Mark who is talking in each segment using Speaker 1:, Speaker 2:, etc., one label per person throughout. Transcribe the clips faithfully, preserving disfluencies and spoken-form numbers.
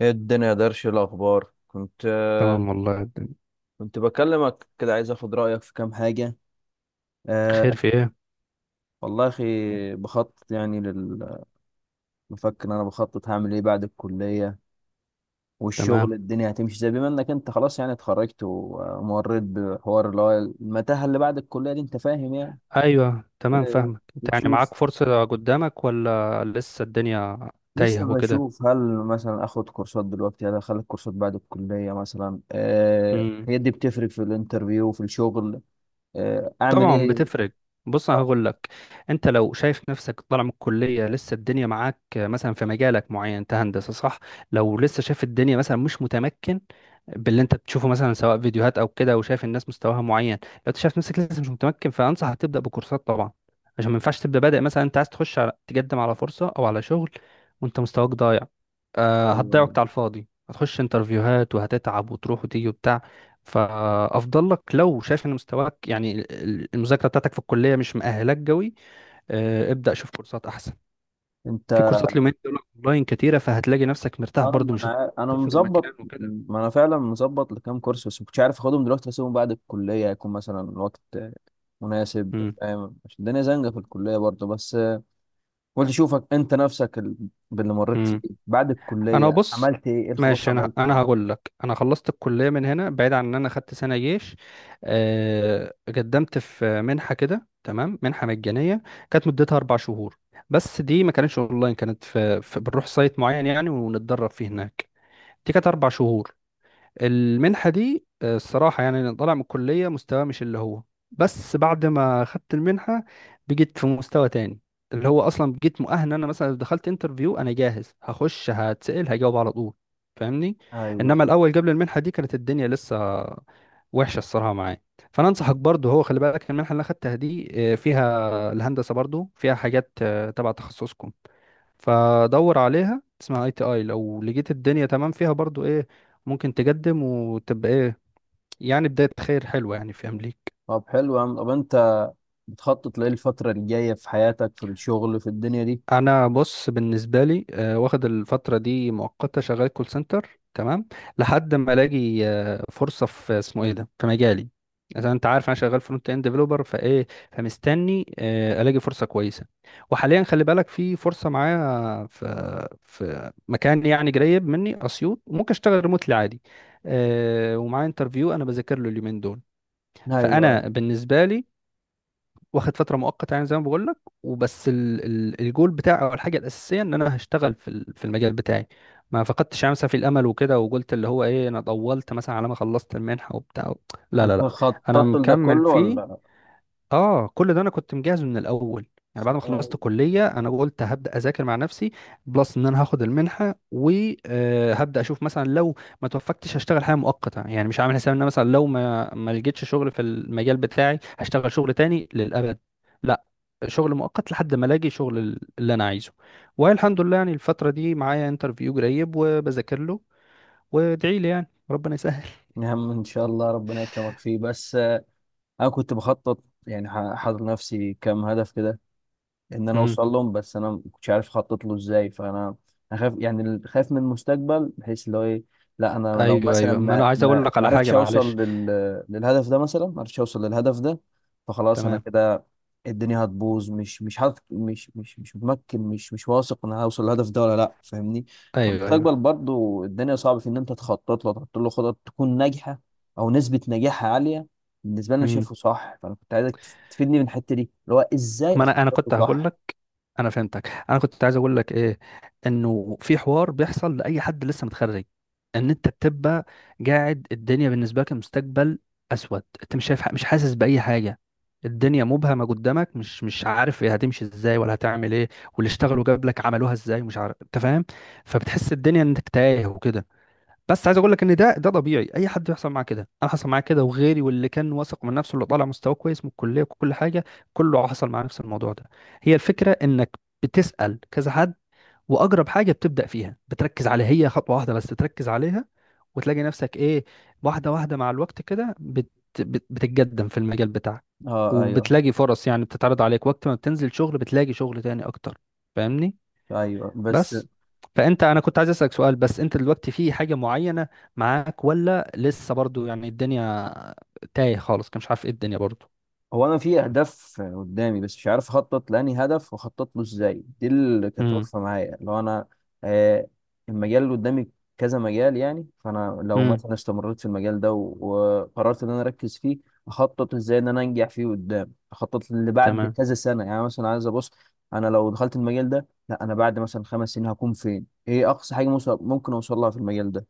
Speaker 1: ايه الدنيا يا درش؟ إيه الاخبار؟ كنت آه،
Speaker 2: تمام والله الدنيا.
Speaker 1: كنت بكلمك كده، عايز اخد رايك في كام حاجه.
Speaker 2: خير
Speaker 1: أه،
Speaker 2: في ايه؟
Speaker 1: والله يا اخي، بخطط يعني لل... بفكر إن انا بخطط هعمل ايه بعد الكليه
Speaker 2: تمام.
Speaker 1: والشغل. الدنيا هتمشي، زي بما انك انت خلاص يعني اتخرجت ومريت بحوار اللي هو المتاهه اللي بعد الكليه دي، انت فاهم يعني.
Speaker 2: ايوه، تمام،
Speaker 1: آه،
Speaker 2: فاهمك. انت يعني
Speaker 1: بتشوف
Speaker 2: معاك فرصة قدامك، ولا لسه الدنيا
Speaker 1: لسه
Speaker 2: تايهة وكده؟
Speaker 1: بشوف، هل مثلا اخد كورسات دلوقتي، هل اخلي كورسات بعد الكليه؟ مثلا أه
Speaker 2: امم.
Speaker 1: هي دي بتفرق في الانترفيو وفي الشغل. آه، اعمل
Speaker 2: طبعا
Speaker 1: ايه؟
Speaker 2: بتفرق. بص انا هقول لك. انت لو شايف نفسك طالع من الكلية لسه الدنيا معاك مثلا في مجالك معين، انت هندسة صح؟ لو لسه شايف الدنيا مثلا مش متمكن باللي انت بتشوفه، مثلا سواء فيديوهات او كده، وشايف الناس مستواها معين، لو انت شايف نفسك لسه مش متمكن، فانصحك تبدا بكورسات طبعا. عشان ما ينفعش تبدا بادئ مثلا انت عايز تخش على تقدم على فرصه او على شغل وانت مستواك ضايع. آه هتضيع
Speaker 1: أيوة.
Speaker 2: وقت على الفاضي، هتخش انترفيوهات وهتتعب وتروح وتيجي وبتاع. فافضل لك لو شايف ان مستواك يعني ال- ال- المذاكره بتاعتك في الكليه مش مؤهلاك قوي. آه ابدا شوف كورسات احسن.
Speaker 1: انت
Speaker 2: في كورسات اليومين دول اونلاين كتيره، فهتلاقي نفسك مرتاح
Speaker 1: اه
Speaker 2: برضو،
Speaker 1: ما
Speaker 2: مش
Speaker 1: انا عا- انا
Speaker 2: هتسافر
Speaker 1: مظبط،
Speaker 2: مكان وكده.
Speaker 1: ما انا فعلا مظبط لكام كورس، بس ما كنتش عارف اخدهم دلوقتي اسيبهم بعد الكليه، هيكون مثلا وقت مناسب، فاهم؟ عشان الدنيا زنقه في الكليه برضه. بس قلت اشوفك انت نفسك ال- باللي مريت فيه،
Speaker 2: امم
Speaker 1: بعد
Speaker 2: انا
Speaker 1: الكليه
Speaker 2: بص.
Speaker 1: عملت ايه، ايه الخطوات اللي
Speaker 2: ماشي. انا
Speaker 1: عملتها
Speaker 2: انا
Speaker 1: يعني؟
Speaker 2: هقول لك. انا خلصت الكليه من هنا، بعيد عن ان انا خدت سنه جيش. آه، قدمت في منحه كده تمام، منحه مجانيه. كانت مدتها اربع شهور. بس دي ما كانتش اونلاين، كانت في, في بنروح سايت معين يعني ونتدرب فيه هناك. دي كانت اربع شهور. المنحة دي آه، الصراحة يعني أنا طالع من الكلية مستواه مش اللي هو. بس بعد ما خدت المنحة بقيت في مستوى تاني، اللي هو أصلا بقيت مؤهل. أنا مثلا لو دخلت انترفيو أنا جاهز، هخش هتسأل هجاوب على طول. فاهمني؟
Speaker 1: ايوه.
Speaker 2: إنما الأول قبل المنحة دي كانت الدنيا لسه وحشة الصراحة معايا. فأنا أنصحك برضه، هو خلي بالك المنحة اللي أنا خدتها دي آه، فيها الهندسة برضه، فيها حاجات آه، تبع تخصصكم. فدور عليها، اسمها اي تي اي، لو لقيت الدنيا تمام فيها برضو ايه ممكن تقدم وتبقى ايه. يعني بداية خير حلوة يعني في امريكا.
Speaker 1: طب حلو يا عم، طب انت بتخطط لايه الفتره الجايه في حياتك، في الشغل، في الدنيا دي؟
Speaker 2: انا بص بالنسبه لي آه، واخد الفتره دي مؤقته، شغال كول سنتر تمام، لحد ما الاقي آه، فرصه في اسمه ايه ده، في مجالي. عشان انت عارف انا شغال فرونت اند ديفلوبر فايه، فمستني آه، الاقي فرصه كويسه. وحاليا خلي بالك في فرصه معايا في في مكان، يعني قريب مني، اسيوط، وممكن اشتغل ريموتلي عادي. آه، ومعايا انترفيو انا بذاكر له اليومين دول.
Speaker 1: ايوه.
Speaker 2: فانا بالنسبه لي واخد فتره مؤقته يعني زي ما بقول لك. وبس ال ال الجول بتاعي او الحاجه الاساسيه ان انا هشتغل في ال- في المجال بتاعي. ما فقدتش يعني مثلا في الامل وكده، وقلت اللي هو ايه انا طولت مثلا على ما خلصت المنحه وبتاع. لا لا
Speaker 1: انت
Speaker 2: لا، انا
Speaker 1: خططت لده
Speaker 2: مكمل
Speaker 1: كله
Speaker 2: فيه.
Speaker 1: ولا؟
Speaker 2: اه، كل ده انا كنت مجهز من الاول. يعني بعد ما
Speaker 1: آه،
Speaker 2: خلصت كلية انا قلت هبدأ اذاكر مع نفسي، بلس ان انا هاخد المنحة، وهبدأ اشوف مثلا لو ما توفقتش هشتغل حاجة مؤقتة. يعني مش عامل حساب ان أنا مثلا لو ما ما لقيتش شغل في المجال بتاعي هشتغل شغل تاني للأبد. لا، شغل مؤقت لحد ما الاقي شغل ال- اللي انا عايزه. والحمد لله يعني الفترة دي معايا انترفيو قريب وبذاكر له، وادعي لي يعني ربنا يسهل.
Speaker 1: يا عم ان شاء الله ربنا يكرمك فيه. بس انا كنت بخطط يعني ح- حاطط لنفسي كام هدف كده، ان انا
Speaker 2: امم
Speaker 1: اوصل لهم، بس انا ما كنتش عارف اخطط له ازاي، فانا انا خايف يعني ال- خايف من المستقبل، بحيث اللي هو ايه، لا انا لو
Speaker 2: ايوه،
Speaker 1: مثلا
Speaker 2: ايوه، ما انا
Speaker 1: ما
Speaker 2: عايز اقول
Speaker 1: ما
Speaker 2: لك
Speaker 1: ما
Speaker 2: على حاجة،
Speaker 1: عرفتش اوصل
Speaker 2: معلش.
Speaker 1: لل... للهدف ده، مثلا ما عرفتش اوصل للهدف ده، فخلاص انا
Speaker 2: تمام.
Speaker 1: كده الدنيا هتبوظ، مش مش حاطط، مش مش مش متمكن، مش مش واثق ان انا هوصل للهدف ده، ولا لا، فاهمني؟
Speaker 2: ايوه، ايوه.
Speaker 1: فالمستقبل برضو الدنيا صعب في ان انت تخطط له، تحط له خطط تكون ناجحه او نسبه نجاحها عاليه. بالنسبه لي انا
Speaker 2: مم.
Speaker 1: شايفه صح، فانا كنت عايزك تف- تفيدني من الحته دي اللي هو ازاي
Speaker 2: ما انا انا
Speaker 1: اخطط له
Speaker 2: كنت هقول
Speaker 1: صح.
Speaker 2: لك. انا فهمتك. انا كنت عايز اقول لك ايه، انه في حوار بيحصل لاي حد لسه متخرج. ان انت بتبقى قاعد الدنيا بالنسبه لك المستقبل اسود، انت مش شايف، مش حاسس باي حاجه. الدنيا مبهمه قدامك، مش مش عارف هي هتمشي ازاي ولا هتعمل ايه. واللي اشتغلوا قبلك عملوها ازاي مش عارف، انت فاهم. فبتحس الدنيا انك تايه وكده. بس عايز اقول لك ان ده ده طبيعي، اي حد يحصل معاه كده. انا حصل معايا كده وغيري، واللي كان واثق من نفسه اللي طالع مستواه كويس من الكليه وكل حاجه، كله حصل معاه نفس الموضوع ده. هي الفكره انك بتسال كذا حد، واقرب حاجه بتبدا فيها بتركز عليها، هي خطوه واحده بس تركز عليها وتلاقي نفسك ايه، واحده واحده مع الوقت كده بت بت- بتتقدم في المجال بتاعك.
Speaker 1: اه، ايوه
Speaker 2: وبتلاقي فرص يعني بتتعرض عليك، وقت ما بتنزل شغل بتلاقي شغل تاني اكتر. فاهمني؟
Speaker 1: ايوه، بس
Speaker 2: بس فانت انا كنت عايز اسالك سؤال، بس انت دلوقتي في حاجه معينه معاك، ولا لسه برضو يعني الدنيا تايه خالص كان مش عارف ايه الدنيا برضو؟
Speaker 1: هو انا في اهداف قدامي بس مش عارف اخطط لاني هدف واخطط له ازاي، دي اللي كانت
Speaker 2: امم.
Speaker 1: واقفه معايا. لو انا آه المجال اللي قدامي كذا مجال يعني، فانا لو
Speaker 2: امم.
Speaker 1: مثلا استمريت في المجال ده و- وقررت ان انا اركز فيه، اخطط ازاي ان انا انجح فيه قدام؟ اخطط اللي بعد
Speaker 2: تمام.
Speaker 1: كذا سنه، يعني مثلا عايز ابص، انا لو دخلت المجال ده، لا انا بعد مثلا خمس سنين هكون فين، ايه اقصى حاجه موس- ممكن اوصل لها في المجال ده،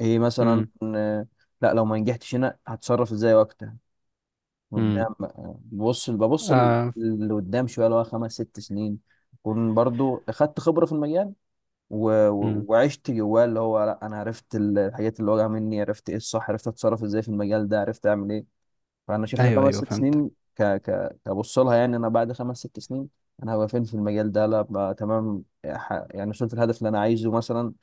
Speaker 1: ايه مثلا؟
Speaker 2: امم.
Speaker 1: آه، لا لو ما نجحتش هنا هتصرف ازاي وقتها؟
Speaker 2: امم.
Speaker 1: قدام آه، ببص ببص ل-
Speaker 2: آه.
Speaker 1: لقدام شويه، اللي هو خمس ست سنين اكون برضو اخدت خبره في المجال، و... و-
Speaker 2: امم.
Speaker 1: وعشت جواه، اللي هو لا انا عرفت ال- الحاجات اللي واجهه مني، عرفت ايه الصح، عرفت اتصرف ازاي في المجال ده، عرفت اعمل ايه. فانا شايف ان
Speaker 2: ايوه،
Speaker 1: خمس
Speaker 2: ايوه،
Speaker 1: ست
Speaker 2: فهمتك.
Speaker 1: سنين ك ك كبص لها، يعني انا بعد خمس ست سنين انا هبقى فين في المجال ده؟ لا بقى تمام ح- يعني وصلت الهدف اللي انا عايزه مثلا،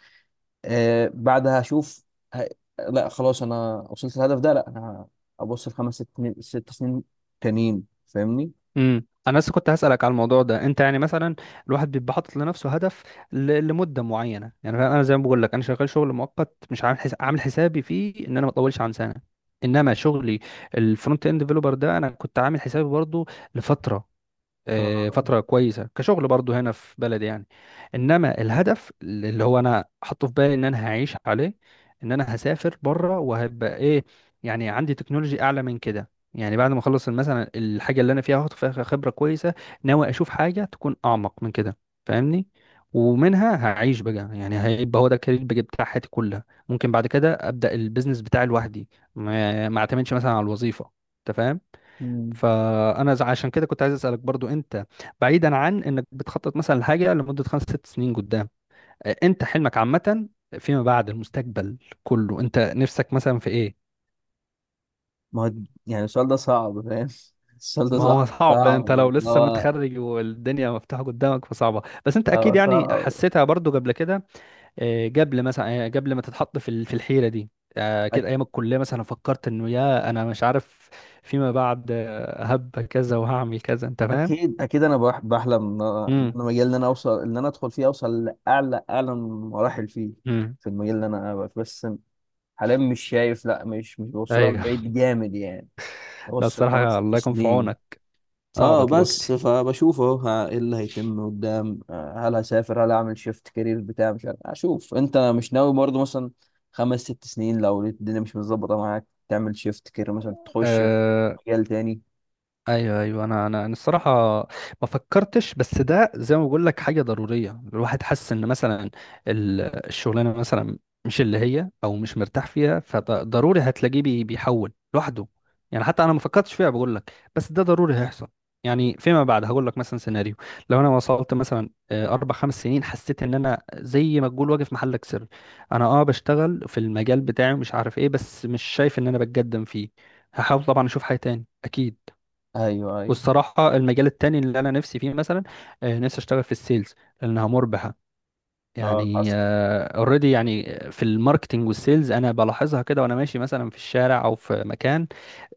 Speaker 1: آه بعدها هشوف ه... لا خلاص انا وصلت الهدف ده. لا انا ابص لخمس ست سنين ست سنين تانيين، فاهمني؟
Speaker 2: امم. انا لسه كنت هسالك على الموضوع ده. انت يعني مثلا الواحد بيبقى حاطط لنفسه هدف ل... لمده معينه، يعني فاهم؟ انا زي ما بقول لك، انا شغال شغل مؤقت مش عامل حس... عامل حسابي فيه ان انا ما اطولش عن سنه. انما شغلي الفرونت اند ديفلوبر ده انا كنت عامل حسابي برضو لفتره، آه،
Speaker 1: آه.
Speaker 2: فترة كويسة كشغل برضو هنا في بلدي يعني. انما الهدف اللي هو انا حاطه في بالي ان انا هعيش عليه، ان انا هسافر بره وهبقى ايه، يعني عندي تكنولوجي اعلى من كده. يعني بعد ما اخلص مثلا الحاجة اللي انا فيها هاخد فيها خبرة كويسة، ناوي اشوف حاجة تكون اعمق من كده. فاهمني؟ ومنها هعيش بقى، يعني هيبقى هو ده الكارير بقى بتاع حياتي كلها. ممكن بعد كده ابدا البيزنس بتاعي لوحدي، ما ما اعتمدش مثلا على الوظيفة. انت فاهم.
Speaker 1: مم.
Speaker 2: فانا ز- عشان كده كنت عايز اسالك برضو انت، بعيدا عن انك بتخطط مثلا لحاجه لمده خمس ست سنين قدام، آه، انت حلمك عامه فيما بعد، المستقبل كله، انت نفسك مثلا في ايه؟
Speaker 1: ما هو يعني السؤال ده صعب، فاهم؟ السؤال ده
Speaker 2: ما هو
Speaker 1: صعب
Speaker 2: صعب.
Speaker 1: صعب،
Speaker 2: انت لو
Speaker 1: اللي
Speaker 2: لسه
Speaker 1: هو
Speaker 2: متخرج والدنيا مفتوحه قدامك فصعبه، بس انت اكيد
Speaker 1: هو
Speaker 2: يعني
Speaker 1: صعب.
Speaker 2: حسيتها برضو قبل كده. آه، قبل مثلا، آه، قبل ما تتحط في ال- في الحيره دي، آه، كده
Speaker 1: أك-
Speaker 2: ايام الكليه مثلا، فكرت انه يا انا مش عارف فيما بعد آه، هبقى كذا وهعمل كذا، انت فاهم.
Speaker 1: اكيد اكيد انا بح- بحلم ان أنا إن
Speaker 2: امم.
Speaker 1: أنا المجال اللي انا اوصل ان انا ادخل فيه، اوصل لاعلى اعلى مراحل فيه،
Speaker 2: امم.
Speaker 1: في المجال اللي انا أبقى فيه. بس حاليا مش شايف، لا مش مش بوصلها
Speaker 2: ايوه.
Speaker 1: لبعيد جامد يعني،
Speaker 2: لا
Speaker 1: بوصل خمس
Speaker 2: الصراحة
Speaker 1: ست
Speaker 2: الله يكون في
Speaker 1: سنين
Speaker 2: عونك، صعبة
Speaker 1: اه، بس
Speaker 2: دلوقتي.
Speaker 1: فبشوف اهو ها- ايه اللي هيتم قدام؟ آه، هل هسافر، هل اعمل شيفت كارير بتاع؟ مش عارف، اشوف. انت مش ناوي برضه مثلا خمس ست سنين، لو لقيت الدنيا مش متظبطه معاك تعمل شيفت كارير، مثلا تخش في
Speaker 2: أه،
Speaker 1: مجال تاني؟
Speaker 2: ايوه، ايوه. انا انا انا الصراحه ما فكرتش. بس ده زي ما بقول لك حاجه ضروريه، الواحد حس ان مثلا ال- الشغلانه مثلا مش اللي هي او مش مرتاح فيها، فضروري هتلاقيه بي- بيحول لوحده. يعني حتى انا ما فكرتش فيها بقول لك، بس ده ضروري هيحصل. يعني فيما بعد هقول لك مثلا سيناريو، لو انا وصلت مثلا آه، اربع خمس سنين، حسيت ان انا زي ما تقول واقف محلك سر. انا اه بشتغل في المجال بتاعي ومش عارف ايه، بس مش شايف ان انا بتقدم فيه. هحاول طبعا اشوف حاجه تاني اكيد.
Speaker 1: ايوه ايوه.
Speaker 2: والصراحة المجال التاني اللي أنا نفسي فيه مثلا، آه، نفسي أشتغل في السيلز، لأنها مربحة،
Speaker 1: اه
Speaker 2: يعني
Speaker 1: حصل.
Speaker 2: اوريدي يعني في الماركتينج والسيلز. أنا بلاحظها كده وأنا ماشي مثلا في الشارع أو في مكان،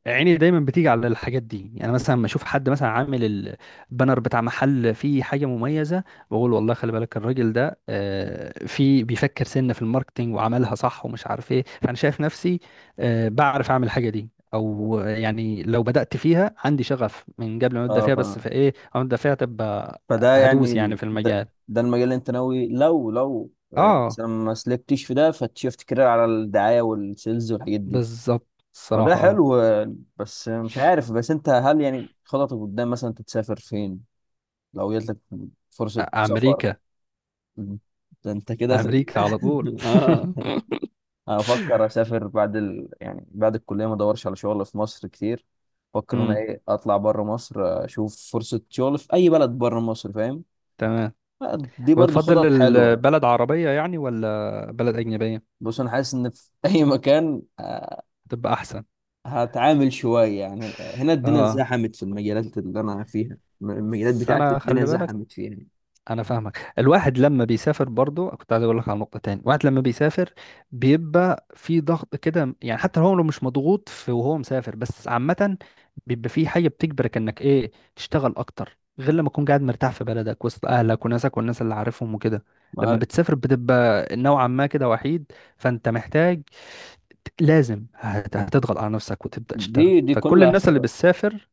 Speaker 2: عيني دايما بتيجي على الحاجات دي، يعني مثلا لما اشوف حد مثلا عامل البانر بتاع محل فيه حاجه مميزه، بقول والله خلي بالك الراجل ده آه، في بيفكر سنه في الماركتينج وعملها صح ومش عارف ايه. فانا شايف نفسي آه، بعرف اعمل الحاجه دي، او يعني لو بدات فيها عندي شغف من قبل ما ابدا
Speaker 1: اه
Speaker 2: فيها. بس
Speaker 1: فاهم،
Speaker 2: فايه او ابدا فيها، تبقى
Speaker 1: فده يعني
Speaker 2: هدوس يعني
Speaker 1: ال-
Speaker 2: في
Speaker 1: ده,
Speaker 2: المجال.
Speaker 1: ده المجال اللي انت ناوي، لو لو آه،
Speaker 2: اه،
Speaker 1: مثلا ما سلكتش في ده، فتشيفت كارير على الدعايه والسيلز والحاجات دي.
Speaker 2: بالظبط
Speaker 1: ما ده
Speaker 2: الصراحه اه.
Speaker 1: حلو آه، بس مش عارف. بس انت هل يعني خططك قدام مثلا تسافر فين لو جاتلك فرصة
Speaker 2: أ-
Speaker 1: سفر؟
Speaker 2: امريكا.
Speaker 1: مم. ده انت كده في ال...
Speaker 2: امريكا على طول
Speaker 1: اه، افكر اسافر بعد ال... يعني بعد الكلية ما ادورش على شغل في مصر كتير. افكر انا
Speaker 2: امم.
Speaker 1: ايه اطلع بره مصر، اشوف فرصة شغل في اي بلد بره مصر، فاهم؟
Speaker 2: تمام.
Speaker 1: آه، دي
Speaker 2: هو
Speaker 1: برضو
Speaker 2: تفضل
Speaker 1: خطط حلوة.
Speaker 2: البلد عربية يعني ولا بلد أجنبية
Speaker 1: بص انا حاسس ان في اي مكان آه،
Speaker 2: تبقى أحسن؟
Speaker 1: هتعامل شوية، يعني هنا الدنيا
Speaker 2: اه
Speaker 1: زحمت في المجالات اللي انا فيها، المجالات
Speaker 2: بس
Speaker 1: بتاعتي
Speaker 2: أنا
Speaker 1: الدنيا
Speaker 2: خلي بالك.
Speaker 1: زحمت فيها، يعني؟
Speaker 2: أنا فاهمك، الواحد لما بيسافر برضو. كنت عايز أقول لك على نقطة تاني، الواحد لما بيسافر بيبقى في ضغط كده، يعني حتى هو لو مش مضغوط في وهو مسافر بس عامة بيبقى في حاجة بتجبرك إنك إيه، تشتغل أكتر غير لما تكون قاعد مرتاح في بلدك وسط أهلك وناسك والناس اللي عارفهم وكده. لما
Speaker 1: ما
Speaker 2: بتسافر بتبقى نوعا ما كده وحيد، فأنت محتاج، لازم هت- هتضغط على نفسك وتبدأ
Speaker 1: دي
Speaker 2: تشتغل.
Speaker 1: دي
Speaker 2: فكل
Speaker 1: كلها
Speaker 2: الناس اللي
Speaker 1: خ-
Speaker 2: بتسافر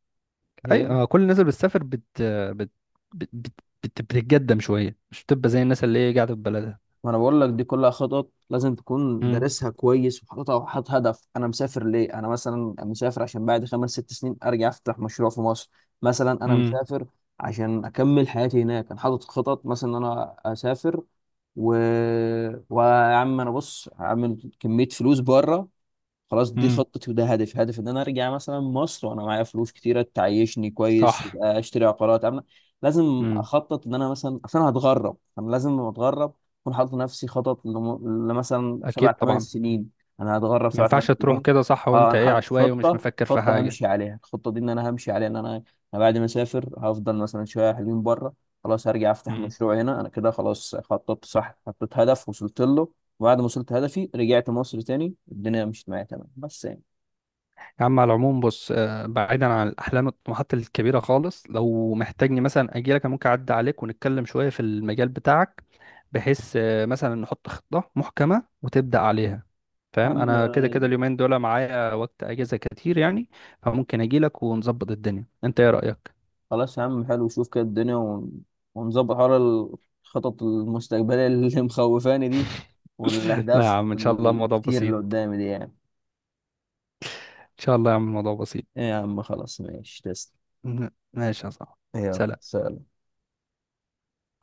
Speaker 2: اي
Speaker 1: ايه،
Speaker 2: آه، كل الناس اللي بتسافر بت بت بت بت بت- بتتقدم شوية، مش بتبقى زي الناس اللي هي قاعدة في بلدها.
Speaker 1: ما انا بقول لك دي كلها خطط لازم تكون
Speaker 2: امم.
Speaker 1: دارسها كويس، وحاططها، وحاطط هدف. انا مسافر ليه؟ انا مثلا مسافر عشان بعد خمس ست سنين ارجع افتح مشروع في مصر، مثلا. انا
Speaker 2: امم.
Speaker 1: مسافر عشان اكمل حياتي هناك، انا حاطط خطط مثلا ان انا اسافر، و... ويا عم، انا بص هعمل كمية فلوس بره، خلاص دي
Speaker 2: امم.
Speaker 1: خطتي وده هدفي. هدف ان انا ارجع مثلا مصر وانا معايا فلوس كتيره تعيشني كويس،
Speaker 2: صح.
Speaker 1: آه، اشتري عقارات. انا لازم
Speaker 2: امم.
Speaker 1: اخطط ان انا مثلا عشان أنا هتغرب، انا لازم لما اتغرب اكون حاطط لنفسي خطط لم- لمثلا سبع
Speaker 2: اكيد
Speaker 1: ثمان
Speaker 2: طبعا.
Speaker 1: سنين انا هتغرب
Speaker 2: ما
Speaker 1: سبع
Speaker 2: ينفعش
Speaker 1: ثمان
Speaker 2: تروح
Speaker 1: سنين
Speaker 2: كده صح
Speaker 1: اه.
Speaker 2: وانت
Speaker 1: انا
Speaker 2: ايه
Speaker 1: حاطط
Speaker 2: عشوائي ومش
Speaker 1: خطه
Speaker 2: مفكر في
Speaker 1: خطه
Speaker 2: حاجة.
Speaker 1: همشي عليها الخطه دي، ان انا همشي عليها، ان انا أنا بعد ما اسافر هفضل مثلا شويه حلوين بره، خلاص هرجع افتح مشروع هنا. انا كده خلاص خططت صح، حطيت هدف وصلت له، بعد ما وصلت هدفي رجعت مصر تاني الدنيا مشيت معايا تمام. بس يعني،
Speaker 2: يا عم على العموم بص، آه، بعيدا عن الاحلام والطموحات الكبيره خالص، لو محتاجني مثلا اجي لك أنا ممكن اعدي عليك ونتكلم شويه في المجال بتاعك، بحيث آه، مثلا نحط خطه محكمه وتبدا عليها.
Speaker 1: يا
Speaker 2: فاهم،
Speaker 1: عم.
Speaker 2: انا كده كده اليومين دول معايا وقت اجازه كتير يعني، فممكن اجي لك ونظبط الدنيا، انت ايه رايك؟
Speaker 1: خلاص يا عم، حلو، شوف كده الدنيا ون- ونظبط حوار الخطط المستقبلية اللي مخوفاني دي،
Speaker 2: لا يا
Speaker 1: والأهداف
Speaker 2: عم ان شاء الله الموضوع
Speaker 1: الكتير اللي
Speaker 2: بسيط.
Speaker 1: قدامي دي يعني.
Speaker 2: ان شاء الله يا عم الموضوع بسيط.
Speaker 1: إيه يا عم، خلاص ماشي، تسلم.
Speaker 2: ماشي يا صاحبي.
Speaker 1: يلا
Speaker 2: سلام
Speaker 1: سلام.